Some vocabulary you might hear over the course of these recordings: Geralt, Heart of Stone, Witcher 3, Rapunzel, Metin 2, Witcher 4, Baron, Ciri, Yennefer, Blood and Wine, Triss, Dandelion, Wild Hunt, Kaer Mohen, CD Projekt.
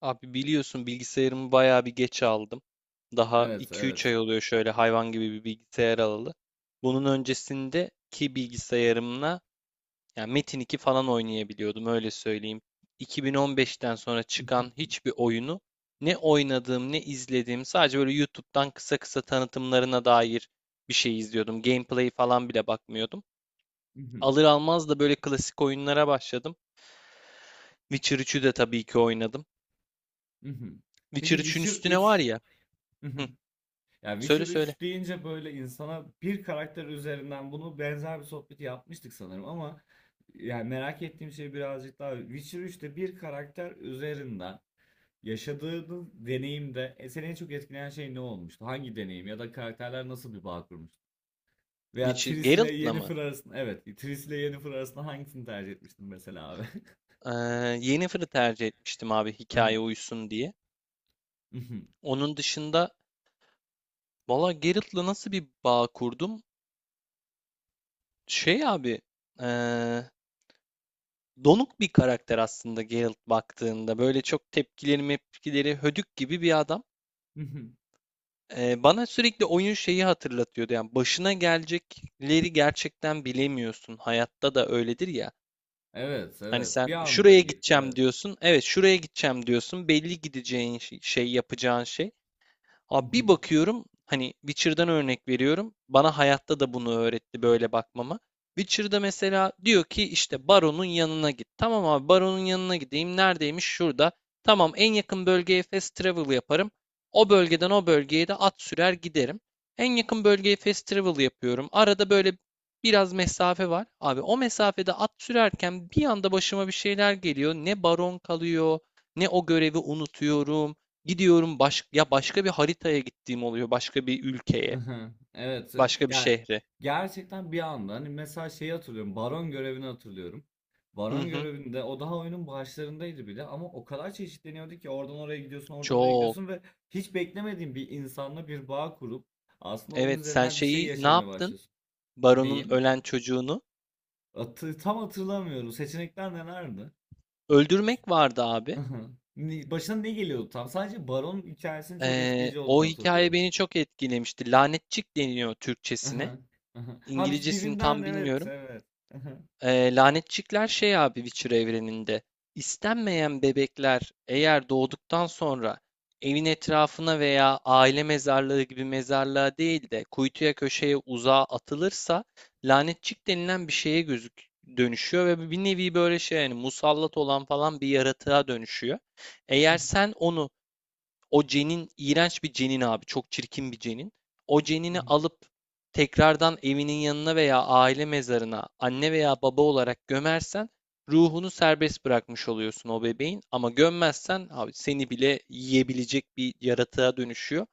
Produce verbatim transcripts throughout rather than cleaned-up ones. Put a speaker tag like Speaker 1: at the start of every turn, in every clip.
Speaker 1: Abi biliyorsun bilgisayarımı bayağı bir geç aldım. Daha
Speaker 2: Evet,
Speaker 1: iki üç
Speaker 2: evet.
Speaker 1: ay oluyor şöyle hayvan gibi bir bilgisayar alalı. Bunun öncesindeki bilgisayarımla yani Metin iki falan oynayabiliyordum öyle söyleyeyim. iki bin on beşten sonra çıkan hiçbir oyunu ne oynadığım ne izlediğim sadece böyle YouTube'dan kısa kısa tanıtımlarına dair bir şey izliyordum. Gameplay falan bile bakmıyordum. Alır almaz da böyle klasik oyunlara başladım. Witcher üçü de tabii ki oynadım.
Speaker 2: Peki
Speaker 1: Witcher üçün
Speaker 2: Witcher
Speaker 1: üstüne var
Speaker 2: üç.
Speaker 1: ya. Hı.
Speaker 2: Ya Witcher
Speaker 1: Söyle söyle.
Speaker 2: üç deyince böyle insana bir karakter üzerinden bunu benzer bir sohbeti yapmıştık sanırım ama yani merak ettiğim şey birazcık daha Witcher üçte bir karakter üzerinden yaşadığınız deneyimde e, seni en çok etkileyen şey ne olmuştu? Hangi deneyim ya da karakterler nasıl bir bağ kurmuştu? Veya
Speaker 1: Witcher
Speaker 2: Triss ile
Speaker 1: Geralt'la mı?
Speaker 2: Yennefer arasında evet Triss ile Yennefer arasında hangisini tercih etmiştin mesela abi?
Speaker 1: Ee, Yennefer'ı tercih etmiştim abi hikaye uysun diye. Onun dışında valla Geralt'la nasıl bir bağ kurdum? Şey abi, ee, donuk bir karakter aslında Geralt baktığında. Böyle çok tepkileri mepkileri hödük gibi bir adam. Ee, bana sürekli oyun şeyi hatırlatıyordu. Yani başına gelecekleri gerçekten bilemiyorsun. Hayatta da öyledir ya.
Speaker 2: Evet,
Speaker 1: Hani
Speaker 2: evet.
Speaker 1: sen
Speaker 2: Bir anda
Speaker 1: şuraya
Speaker 2: ge-
Speaker 1: gideceğim
Speaker 2: evet.
Speaker 1: diyorsun. Evet şuraya gideceğim diyorsun. Belli gideceğin şey, şey yapacağın şey. Abi bir
Speaker 2: Hı
Speaker 1: bakıyorum hani Witcher'dan örnek veriyorum. Bana hayatta da bunu öğretti böyle bakmama. Witcher'da mesela diyor ki işte Baron'un yanına git. Tamam abi Baron'un yanına gideyim. Neredeymiş? Şurada. Tamam en yakın bölgeye fast travel yaparım. O bölgeden o bölgeye de at sürer giderim. En yakın bölgeye fast travel yapıyorum. Arada böyle biraz mesafe var. Abi o mesafede at sürerken bir anda başıma bir şeyler geliyor. Ne baron kalıyor, ne o görevi unutuyorum. Gidiyorum baş ya başka bir haritaya gittiğim oluyor. Başka bir ülkeye,
Speaker 2: hı. Evet. e,
Speaker 1: başka bir
Speaker 2: Yani
Speaker 1: şehre.
Speaker 2: gerçekten bir anda hani mesela şeyi hatırlıyorum. Baron görevini hatırlıyorum.
Speaker 1: Hı
Speaker 2: Baron
Speaker 1: hı.
Speaker 2: görevinde o daha oyunun başlarındaydı bile ama o kadar çeşitleniyordu ki oradan oraya gidiyorsun, oradan oraya
Speaker 1: Çok.
Speaker 2: gidiyorsun ve hiç beklemediğin bir insanla bir bağ kurup aslında onun
Speaker 1: Evet, sen
Speaker 2: üzerinden bir şey
Speaker 1: şeyi ne
Speaker 2: yaşamaya
Speaker 1: yaptın?
Speaker 2: başlıyorsun.
Speaker 1: Baron'un
Speaker 2: Neyim?
Speaker 1: ölen çocuğunu
Speaker 2: Hatı- tam hatırlamıyorum. Seçenekler nelerdi?
Speaker 1: öldürmek vardı abi.
Speaker 2: Hı hı. Ne- Başına ne geliyordu tam? Sadece Baron hikayesinin çok
Speaker 1: Ee,
Speaker 2: etkileyici
Speaker 1: o
Speaker 2: olduğunu
Speaker 1: hikaye
Speaker 2: hatırlıyorum.
Speaker 1: beni çok etkilemişti. Lanetçik deniyor Türkçesine.
Speaker 2: Aha, aha. Ha, bir-
Speaker 1: İngilizcesini
Speaker 2: birinden,
Speaker 1: tam
Speaker 2: evet,
Speaker 1: bilmiyorum.
Speaker 2: evet. Aha.
Speaker 1: Eee, lanetçikler şey abi Witcher evreninde. İstenmeyen bebekler eğer doğduktan sonra evin etrafına veya aile mezarlığı gibi mezarlığa değil de kuytuya köşeye uzağa atılırsa lanetçik denilen bir şeye gözük dönüşüyor ve bir nevi böyle şey yani musallat olan falan bir yaratığa dönüşüyor. Eğer sen onu o cenin iğrenç bir cenin abi. Çok çirkin bir cenin. O cenini alıp tekrardan evinin yanına veya aile mezarına anne veya baba olarak gömersen ruhunu serbest bırakmış oluyorsun o bebeğin. Ama gömmezsen abi seni bile yiyebilecek bir yaratığa dönüşüyor.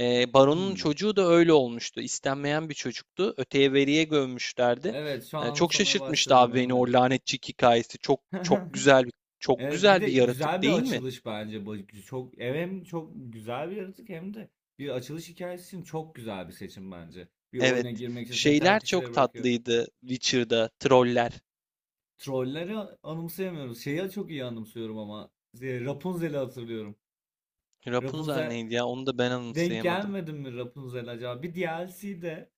Speaker 1: Ee, Baron'un
Speaker 2: Hmm.
Speaker 1: çocuğu da öyle olmuştu. İstenmeyen bir çocuktu. Öteye veriye gömmüşlerdi.
Speaker 2: Evet, şu
Speaker 1: Ee,
Speaker 2: an
Speaker 1: çok
Speaker 2: anımsamaya
Speaker 1: şaşırtmıştı
Speaker 2: başladım,
Speaker 1: abi beni
Speaker 2: evet.
Speaker 1: o lanetçik hikayesi. Çok çok güzel bir çok
Speaker 2: Evet, bir
Speaker 1: güzel
Speaker 2: de
Speaker 1: bir yaratık
Speaker 2: güzel bir
Speaker 1: değil mi?
Speaker 2: açılış bence bu. Çok hem çok güzel bir yaratık hem de bir açılış hikayesi için çok güzel bir seçim bence. Bir oyuna
Speaker 1: Evet.
Speaker 2: girmek için seni ters
Speaker 1: Şeyler
Speaker 2: köşelere
Speaker 1: çok
Speaker 2: bırakıyor.
Speaker 1: tatlıydı Witcher'da. Troller.
Speaker 2: Trolleri anımsayamıyoruz. Şeyi çok iyi anımsıyorum ama. e, Rapunzel'i hatırlıyorum.
Speaker 1: Rapunzel
Speaker 2: Rapunzel
Speaker 1: neydi ya? Onu da ben
Speaker 2: Denk
Speaker 1: anımsayamadım.
Speaker 2: gelmedin mi Rapunzel acaba? Bir D L C'de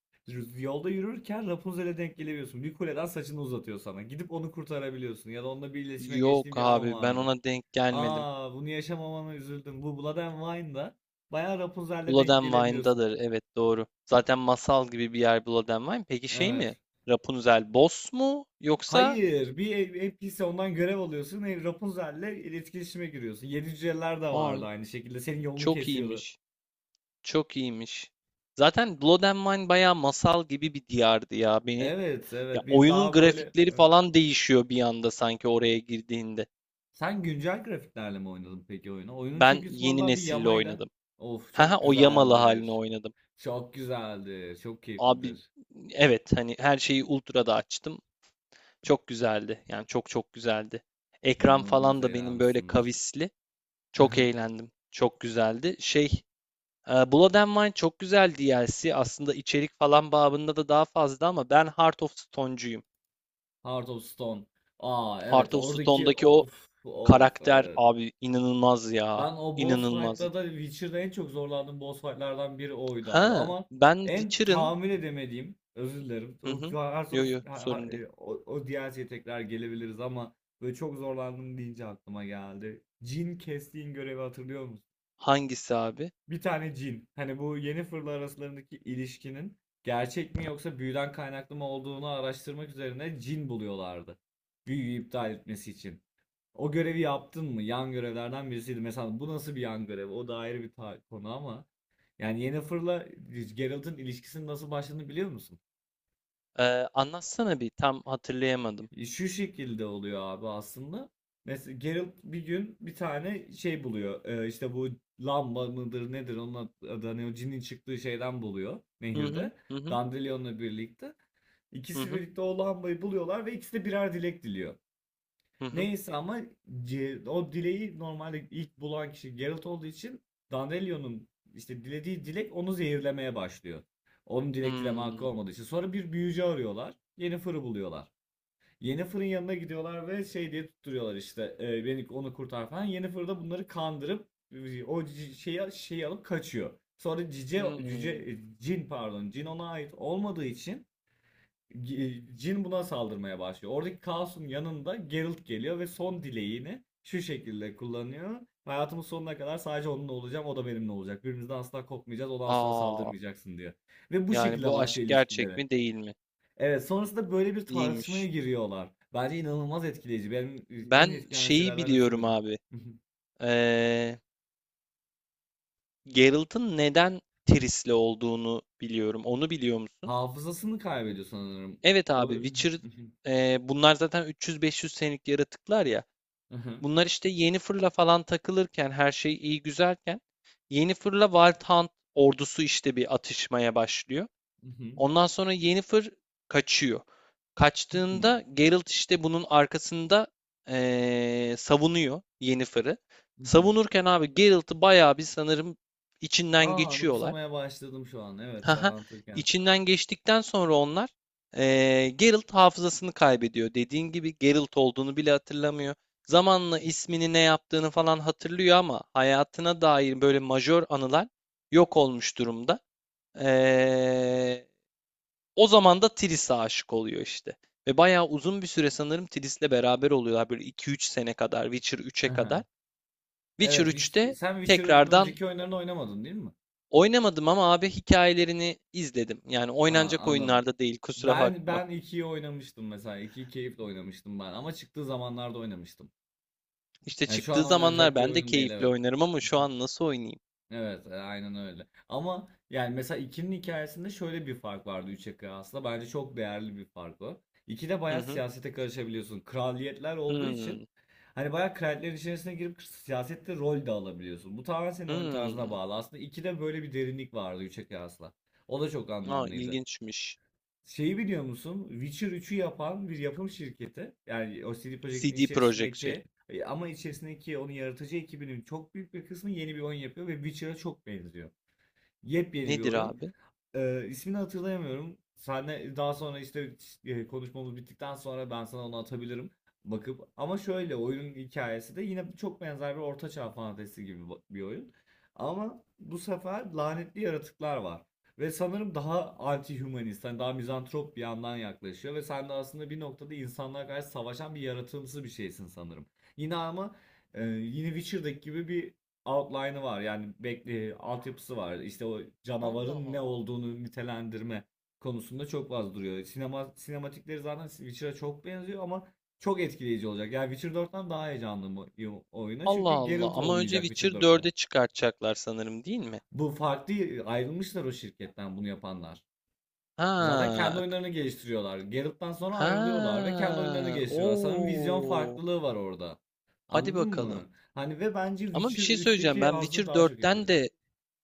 Speaker 2: yolda yürürken Rapunzel'e denk gelebiliyorsun. Bir kuleden saçını uzatıyor sana. Gidip onu kurtarabiliyorsun. Ya da onunla bir iletişime
Speaker 1: Yok
Speaker 2: geçtiğin bir an
Speaker 1: abi ben
Speaker 2: vardı.
Speaker 1: ona denk gelmedim.
Speaker 2: Aa, bunu yaşamamana üzüldüm. Bu Blood and Wine'da bayağı Rapunzel'le
Speaker 1: Blood
Speaker 2: denk
Speaker 1: and
Speaker 2: gelebiliyorsun.
Speaker 1: evet, doğru. Zaten masal gibi bir yer Blood and peki, şey mi?
Speaker 2: Evet.
Speaker 1: Rapunzel boss mu? Yoksa?
Speaker 2: Hayır, bir N P C ondan görev alıyorsun. e, Rapunzel'le iletişime giriyorsun. Yedi cüceler de vardı
Speaker 1: Ay
Speaker 2: aynı şekilde. Senin yolunu
Speaker 1: çok
Speaker 2: kesiyordu.
Speaker 1: iyiymiş. Çok iyiymiş. Zaten Blood and Wine bayağı masal gibi bir diyardı ya. Beni
Speaker 2: Evet,
Speaker 1: ya
Speaker 2: evet. Bir
Speaker 1: oyunun
Speaker 2: daha böyle,
Speaker 1: grafikleri
Speaker 2: evet.
Speaker 1: falan değişiyor bir anda sanki oraya girdiğinde.
Speaker 2: Sen güncel grafiklerle mi oynadın peki oyunu? Oyunun
Speaker 1: Ben
Speaker 2: çünkü
Speaker 1: yeni
Speaker 2: sonradan bir
Speaker 1: nesille
Speaker 2: yamayla.
Speaker 1: oynadım.
Speaker 2: Of,
Speaker 1: Ha he
Speaker 2: çok
Speaker 1: o Yamalı halini
Speaker 2: güzeldir.
Speaker 1: oynadım.
Speaker 2: Çok güzeldir. Çok
Speaker 1: Abi
Speaker 2: keyiflidir.
Speaker 1: evet hani her şeyi ultra'da açtım. Çok güzeldi. Yani çok çok güzeldi. Ekran
Speaker 2: İnanılmaz
Speaker 1: falan da benim böyle
Speaker 2: eğlenmişsindir.
Speaker 1: kavisli. Çok eğlendim. Çok güzeldi. Şey e, Blood and Wine çok güzel D L C. Aslında içerik falan babında da daha fazla ama ben Heart of Stone'cuyum.
Speaker 2: Heart of Stone. Aa
Speaker 1: Heart
Speaker 2: evet,
Speaker 1: of
Speaker 2: oradaki
Speaker 1: Stone'daki o
Speaker 2: of of,
Speaker 1: karakter
Speaker 2: evet.
Speaker 1: abi inanılmaz ya.
Speaker 2: Ben o boss
Speaker 1: İnanılmaz.
Speaker 2: fight'ta da Witcher'da en çok zorlandığım boss fight'lardan biri oydu abi.
Speaker 1: Ha
Speaker 2: Ama
Speaker 1: ben
Speaker 2: en
Speaker 1: Witcher'ın.
Speaker 2: tahmin edemediğim, özür dilerim. O,
Speaker 1: Hı hı. Yo yo
Speaker 2: Hearthstone- ha- ha-
Speaker 1: sorun değil.
Speaker 2: e, o, o D L C'ye tekrar gelebiliriz ama böyle çok zorlandım deyince aklıma geldi. Cin kestiğin görevi hatırlıyor musun?
Speaker 1: Hangisi abi?
Speaker 2: Bir tane cin. Hani bu yeni fırla arasındaki ilişkinin gerçek mi yoksa büyüden kaynaklı mı olduğunu araştırmak üzerine cin buluyorlardı. Büyüyü iptal etmesi için. O görevi yaptın mı? Yan görevlerden birisiydi. Mesela bu nasıl bir yan görev? O da ayrı bir ta- konu ama. Yani Yennefer'la Geralt'ın ilişkisinin nasıl başladığını biliyor musun?
Speaker 1: Eee, anlatsana bir, tam hatırlayamadım.
Speaker 2: E, Şu şekilde oluyor abi aslında. Mesela Geralt bir gün bir tane şey buluyor. Ee, işte bu lamba mıdır nedir onun adı hani o cinin çıktığı şeyden buluyor
Speaker 1: Hı hı,
Speaker 2: nehirde.
Speaker 1: hı hı,
Speaker 2: Dandelion'la birlikte.
Speaker 1: hı
Speaker 2: İkisi
Speaker 1: hı,
Speaker 2: birlikte o lambayı buluyorlar ve ikisi de birer dilek diliyor.
Speaker 1: hı hı.
Speaker 2: Neyse ama C- o dileği normalde ilk bulan kişi Geralt olduğu için Dandelion'un işte dilediği dilek onu zehirlemeye başlıyor. Onun dilek dileme hakkı
Speaker 1: Hımm,
Speaker 2: olmadığı için. Sonra bir büyücü arıyorlar. Yennefer'ı buluyorlar. Yennefer'ın yanına gidiyorlar ve şey diye tutturuyorlar işte, e, beni onu kurtar falan. Yennefer da bunları kandırıp e, o c- şeyi, şeyi alıp kaçıyor. Sonra cice, cüce,
Speaker 1: hımm.
Speaker 2: e, cin, pardon, cin ona ait olmadığı için G- Jin buna saldırmaya başlıyor. Oradaki kaosun yanında Geralt geliyor ve son dileğini şu şekilde kullanıyor. Hayatımın sonuna kadar sadece onunla olacağım, o da benimle olacak. Birbirimizden asla kopmayacağız, ona asla
Speaker 1: A!
Speaker 2: saldırmayacaksın diyor. Ve bu
Speaker 1: Yani
Speaker 2: şekilde
Speaker 1: bu aşk
Speaker 2: başlıyor
Speaker 1: gerçek
Speaker 2: ilişkileri.
Speaker 1: mi değil mi?
Speaker 2: Evet, sonrasında böyle bir tartışmaya
Speaker 1: İyiymiş.
Speaker 2: giriyorlar. Bence inanılmaz etkileyici. Benim en
Speaker 1: Ben
Speaker 2: etkileyen
Speaker 1: şeyi
Speaker 2: şeylerden birisi
Speaker 1: biliyorum
Speaker 2: buydu.
Speaker 1: abi, eee, Geralt'ın neden Triss'le olduğunu biliyorum. Onu biliyor musun?
Speaker 2: Hafızasını kaybediyor sanırım.
Speaker 1: Evet
Speaker 2: O.
Speaker 1: abi, Witcher, eee, bunlar zaten üç yüz beş yüz senelik yaratıklar ya. Bunlar işte yeni fırla falan takılırken her şey iyi güzelken yeni fırla Wild Hunt ordusu işte bir atışmaya başlıyor. Ondan sonra yeni fır kaçıyor. Kaçtığında Geralt işte bunun arkasında eee, savunuyor Yennefer'ı. Savunurken abi Geralt'ı bayağı bir sanırım içinden
Speaker 2: Aa,
Speaker 1: geçiyorlar.
Speaker 2: anımsamaya başladım şu an. Evet, sen
Speaker 1: Haha,
Speaker 2: anlatırken.
Speaker 1: içinden geçtikten sonra onlar eee Geralt hafızasını kaybediyor. Dediğin gibi Geralt olduğunu bile hatırlamıyor. Zamanla ismini ne yaptığını falan hatırlıyor ama hayatına dair böyle majör anılar yok olmuş durumda. Eee, O zaman da Triss'e aşık oluyor işte. Ve bayağı uzun bir süre sanırım Triss'le beraber oluyorlar. Böyle iki üç sene kadar, Witcher üçe kadar.
Speaker 2: Aha.
Speaker 1: Witcher
Speaker 2: Evet, Witch-
Speaker 1: üç'te
Speaker 2: sen Witcher'ın
Speaker 1: tekrardan
Speaker 2: önceki oyunlarını oynamadın değil mi?
Speaker 1: oynamadım ama abi hikayelerini izledim. Yani
Speaker 2: Aa,
Speaker 1: oynanacak
Speaker 2: anladım.
Speaker 1: oyunlarda değil kusura
Speaker 2: Ben
Speaker 1: bakma.
Speaker 2: ben ikiyi oynamıştım mesela. İkiyi keyifle oynamıştım ben ama çıktığı zamanlarda oynamıştım.
Speaker 1: İşte
Speaker 2: Yani şu
Speaker 1: çıktığı
Speaker 2: an
Speaker 1: zamanlar
Speaker 2: oynanacak bir
Speaker 1: ben de
Speaker 2: oyun değil,
Speaker 1: keyifle
Speaker 2: evet.
Speaker 1: oynarım ama şu an nasıl oynayayım?
Speaker 2: Evet, e, aynen öyle. Ama yani mesela iki'nin hikayesinde şöyle bir fark vardı üçe kıyasla. Bence çok değerli bir fark o. ikide
Speaker 1: Hı
Speaker 2: bayağı
Speaker 1: hı.
Speaker 2: siyasete karışabiliyorsun. Kraliyetler olduğu için
Speaker 1: Hmm.
Speaker 2: hani bayağı kraliyetlerin içerisine girip siyasette rol de alabiliyorsun. Bu tamamen senin oyun tarzına
Speaker 1: Hmm.
Speaker 2: bağlı. Aslında ikide böyle bir derinlik vardı üçe kıyasla. O da çok
Speaker 1: Aa,
Speaker 2: anlamlıydı.
Speaker 1: ilginçmiş.
Speaker 2: Şeyi biliyor musun? Witcher üçü yapan bir yapım şirketi. Yani o C D Projekt'in
Speaker 1: C D Projekt şey.
Speaker 2: içerisindeki, e, ama içerisindeki onun yaratıcı ekibinin çok büyük bir kısmı yeni bir oyun yapıyor ve Witcher'a çok benziyor. Yepyeni bir
Speaker 1: Nedir
Speaker 2: oyun.
Speaker 1: abi?
Speaker 2: Ee, ismini hatırlayamıyorum. Senle daha sonra işte, e, konuşmamız bittikten sonra ben sana onu atabilirim bakıp. Ama şöyle, oyunun hikayesi de yine çok benzer bir ortaçağ fantezisi gibi ba- bir oyun. Ama bu sefer lanetli yaratıklar var. Ve sanırım daha anti-humanist, hani daha mizantrop bir yandan yaklaşıyor. Ve sen de aslında bir noktada insanlara karşı savaşan bir yaratımsı bir şeysin sanırım. Yine ama, e, yine Witcher'daki gibi bir outline'ı var, yani bekle, altyapısı var. İşte o
Speaker 1: Allah
Speaker 2: canavarın ne
Speaker 1: Allah.
Speaker 2: olduğunu nitelendirme konusunda çok fazla duruyor. Sinema, sinematikleri zaten Witcher'a çok benziyor ama çok etkileyici olacak. Yani Witcher dörtten daha heyecanlı o- o- oyuna,
Speaker 1: Allah
Speaker 2: çünkü
Speaker 1: Allah.
Speaker 2: Geralt
Speaker 1: Ama önce
Speaker 2: olmayacak Witcher
Speaker 1: Witcher
Speaker 2: dörtte.
Speaker 1: dörde çıkartacaklar sanırım değil mi?
Speaker 2: Bu farklı, ayrılmışlar o şirketten bunu yapanlar. Zaten kendi
Speaker 1: Ha. K-.
Speaker 2: oyunlarını geliştiriyorlar. Geralt'tan sonra ayrılıyorlar ve kendi oyunlarını
Speaker 1: Ha.
Speaker 2: geliştiriyorlar. Sanırım vizyon
Speaker 1: Oo.
Speaker 2: farklılığı var orada.
Speaker 1: Hadi
Speaker 2: Anladın
Speaker 1: bakalım.
Speaker 2: mı? Hani ve bence
Speaker 1: Ama bir
Speaker 2: Witcher
Speaker 1: şey söyleyeceğim.
Speaker 2: üçteki
Speaker 1: Ben
Speaker 2: hazzı
Speaker 1: Witcher
Speaker 2: daha çok
Speaker 1: dörtten
Speaker 2: yakaladı.
Speaker 1: de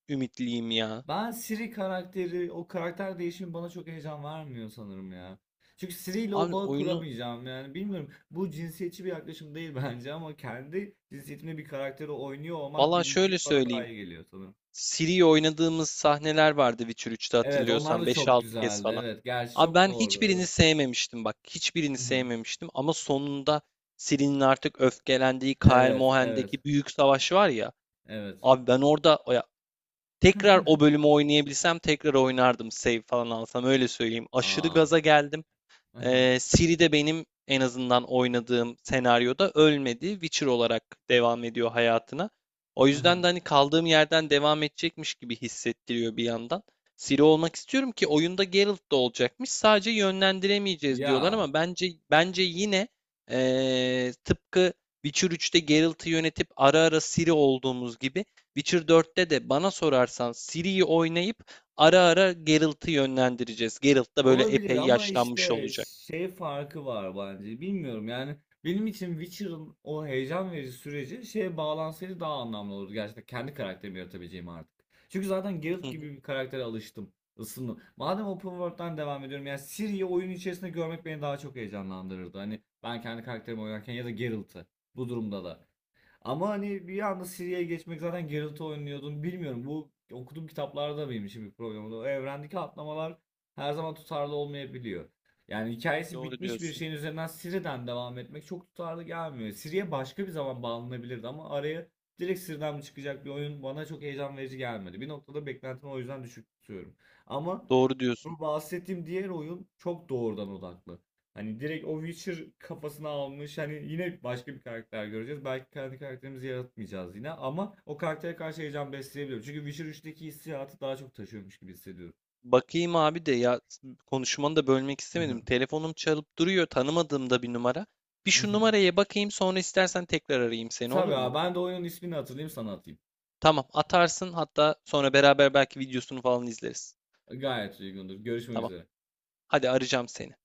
Speaker 1: ümitliyim ya.
Speaker 2: Ben Siri karakteri, o karakter değişimi bana çok heyecan vermiyor sanırım ya. Çünkü Siri ile o
Speaker 1: Abi
Speaker 2: bağı
Speaker 1: oyunu,
Speaker 2: kuramayacağım yani bilmiyorum. Bu cinsiyetçi bir yaklaşım değil bence, ama kendi cinsiyetimde bir karakteri oynuyor olmak
Speaker 1: valla
Speaker 2: bilinci
Speaker 1: şöyle
Speaker 2: bana daha
Speaker 1: söyleyeyim.
Speaker 2: iyi geliyor sanırım.
Speaker 1: Ciri'yi oynadığımız sahneler vardı Witcher üçte
Speaker 2: Evet, onlar
Speaker 1: hatırlıyorsan
Speaker 2: da
Speaker 1: beş
Speaker 2: çok
Speaker 1: altı kez
Speaker 2: güzeldi.
Speaker 1: falan.
Speaker 2: Evet, gerçi
Speaker 1: Abi
Speaker 2: çok
Speaker 1: ben
Speaker 2: doğru.
Speaker 1: hiçbirini
Speaker 2: Evet.
Speaker 1: sevmemiştim bak. Hiçbirini sevmemiştim ama sonunda Ciri'nin artık öfkelendiği Kaer
Speaker 2: Evet, evet,
Speaker 1: Mohen'deki büyük savaş var ya.
Speaker 2: evet.
Speaker 1: Abi ben orada ya, tekrar o bölümü oynayabilsem tekrar oynardım. Save falan alsam öyle söyleyeyim. Aşırı
Speaker 2: Aa.
Speaker 1: gaza geldim.
Speaker 2: Aha,
Speaker 1: Ee, Ciri de benim en azından oynadığım senaryoda ölmedi. Witcher olarak devam ediyor hayatına. O yüzden
Speaker 2: aha.
Speaker 1: de hani kaldığım yerden devam edecekmiş gibi hissettiriyor bir yandan. Ciri olmak istiyorum ki oyunda Geralt da olacakmış. Sadece yönlendiremeyeceğiz diyorlar
Speaker 2: Ya.
Speaker 1: ama bence bence yine ee, tıpkı Witcher üçte Geralt'ı yönetip ara ara Ciri olduğumuz gibi Witcher dörtte de bana sorarsan Ciri'yi oynayıp ara ara Geralt'ı yönlendireceğiz. Geralt da böyle
Speaker 2: Olabilir
Speaker 1: epey
Speaker 2: ama
Speaker 1: yaşlanmış
Speaker 2: işte
Speaker 1: olacak.
Speaker 2: şey farkı var bence. Bilmiyorum yani, benim için Witcher'ın o heyecan verici süreci şeye bağlansaydı daha anlamlı olurdu. Gerçekten kendi karakterimi yaratabileceğim artık. Çünkü zaten
Speaker 1: Hı
Speaker 2: Geralt
Speaker 1: hı,
Speaker 2: gibi bir karaktere alıştım, ısındım. Madem open world'dan devam ediyorum, yani Ciri'yi oyun içerisinde görmek beni daha çok heyecanlandırırdı. Hani ben kendi karakterimi oynarken ya da Geralt'ı bu durumda da. Ama hani bir anda Siri'ye geçmek, zaten Geralt oynuyordun. Bilmiyorum, bu okuduğum kitaplarda benim için bir problem oldu. O evrendeki atlamalar her zaman tutarlı olmayabiliyor. Yani hikayesi
Speaker 1: doğru
Speaker 2: bitmiş bir
Speaker 1: diyorsun.
Speaker 2: şeyin üzerinden Siri'den devam etmek çok tutarlı gelmiyor. Siri'ye başka bir zaman bağlanabilirdi, ama araya direkt Siri'den mi çıkacak bir oyun bana çok heyecan verici gelmedi. Bir noktada beklentimi o yüzden düşük tutuyorum. Ama
Speaker 1: Doğru diyorsun.
Speaker 2: bu bahsettiğim diğer oyun çok doğrudan odaklı. Hani direkt o Witcher kafasına almış. Hani yine başka bir karakter göreceğiz. Belki kendi karakterimizi yaratmayacağız yine, ama o karaktere karşı heyecan besleyebiliyorum. Çünkü Witcher üçteki hissiyatı daha çok taşıyormuş gibi hissediyorum.
Speaker 1: Bakayım abi de ya, konuşmanı da bölmek istemedim. Telefonum çalıp duruyor, tanımadığım da bir numara. Bir şu numaraya bakayım sonra istersen tekrar arayayım seni, olur
Speaker 2: Tabii
Speaker 1: mu?
Speaker 2: abi, ben de oyunun ismini hatırlayayım sana atayım.
Speaker 1: Tamam atarsın, hatta sonra beraber belki videosunu falan izleriz.
Speaker 2: Gayet uygundur. Görüşmek
Speaker 1: Tamam.
Speaker 2: üzere.
Speaker 1: Hadi arayacağım seni.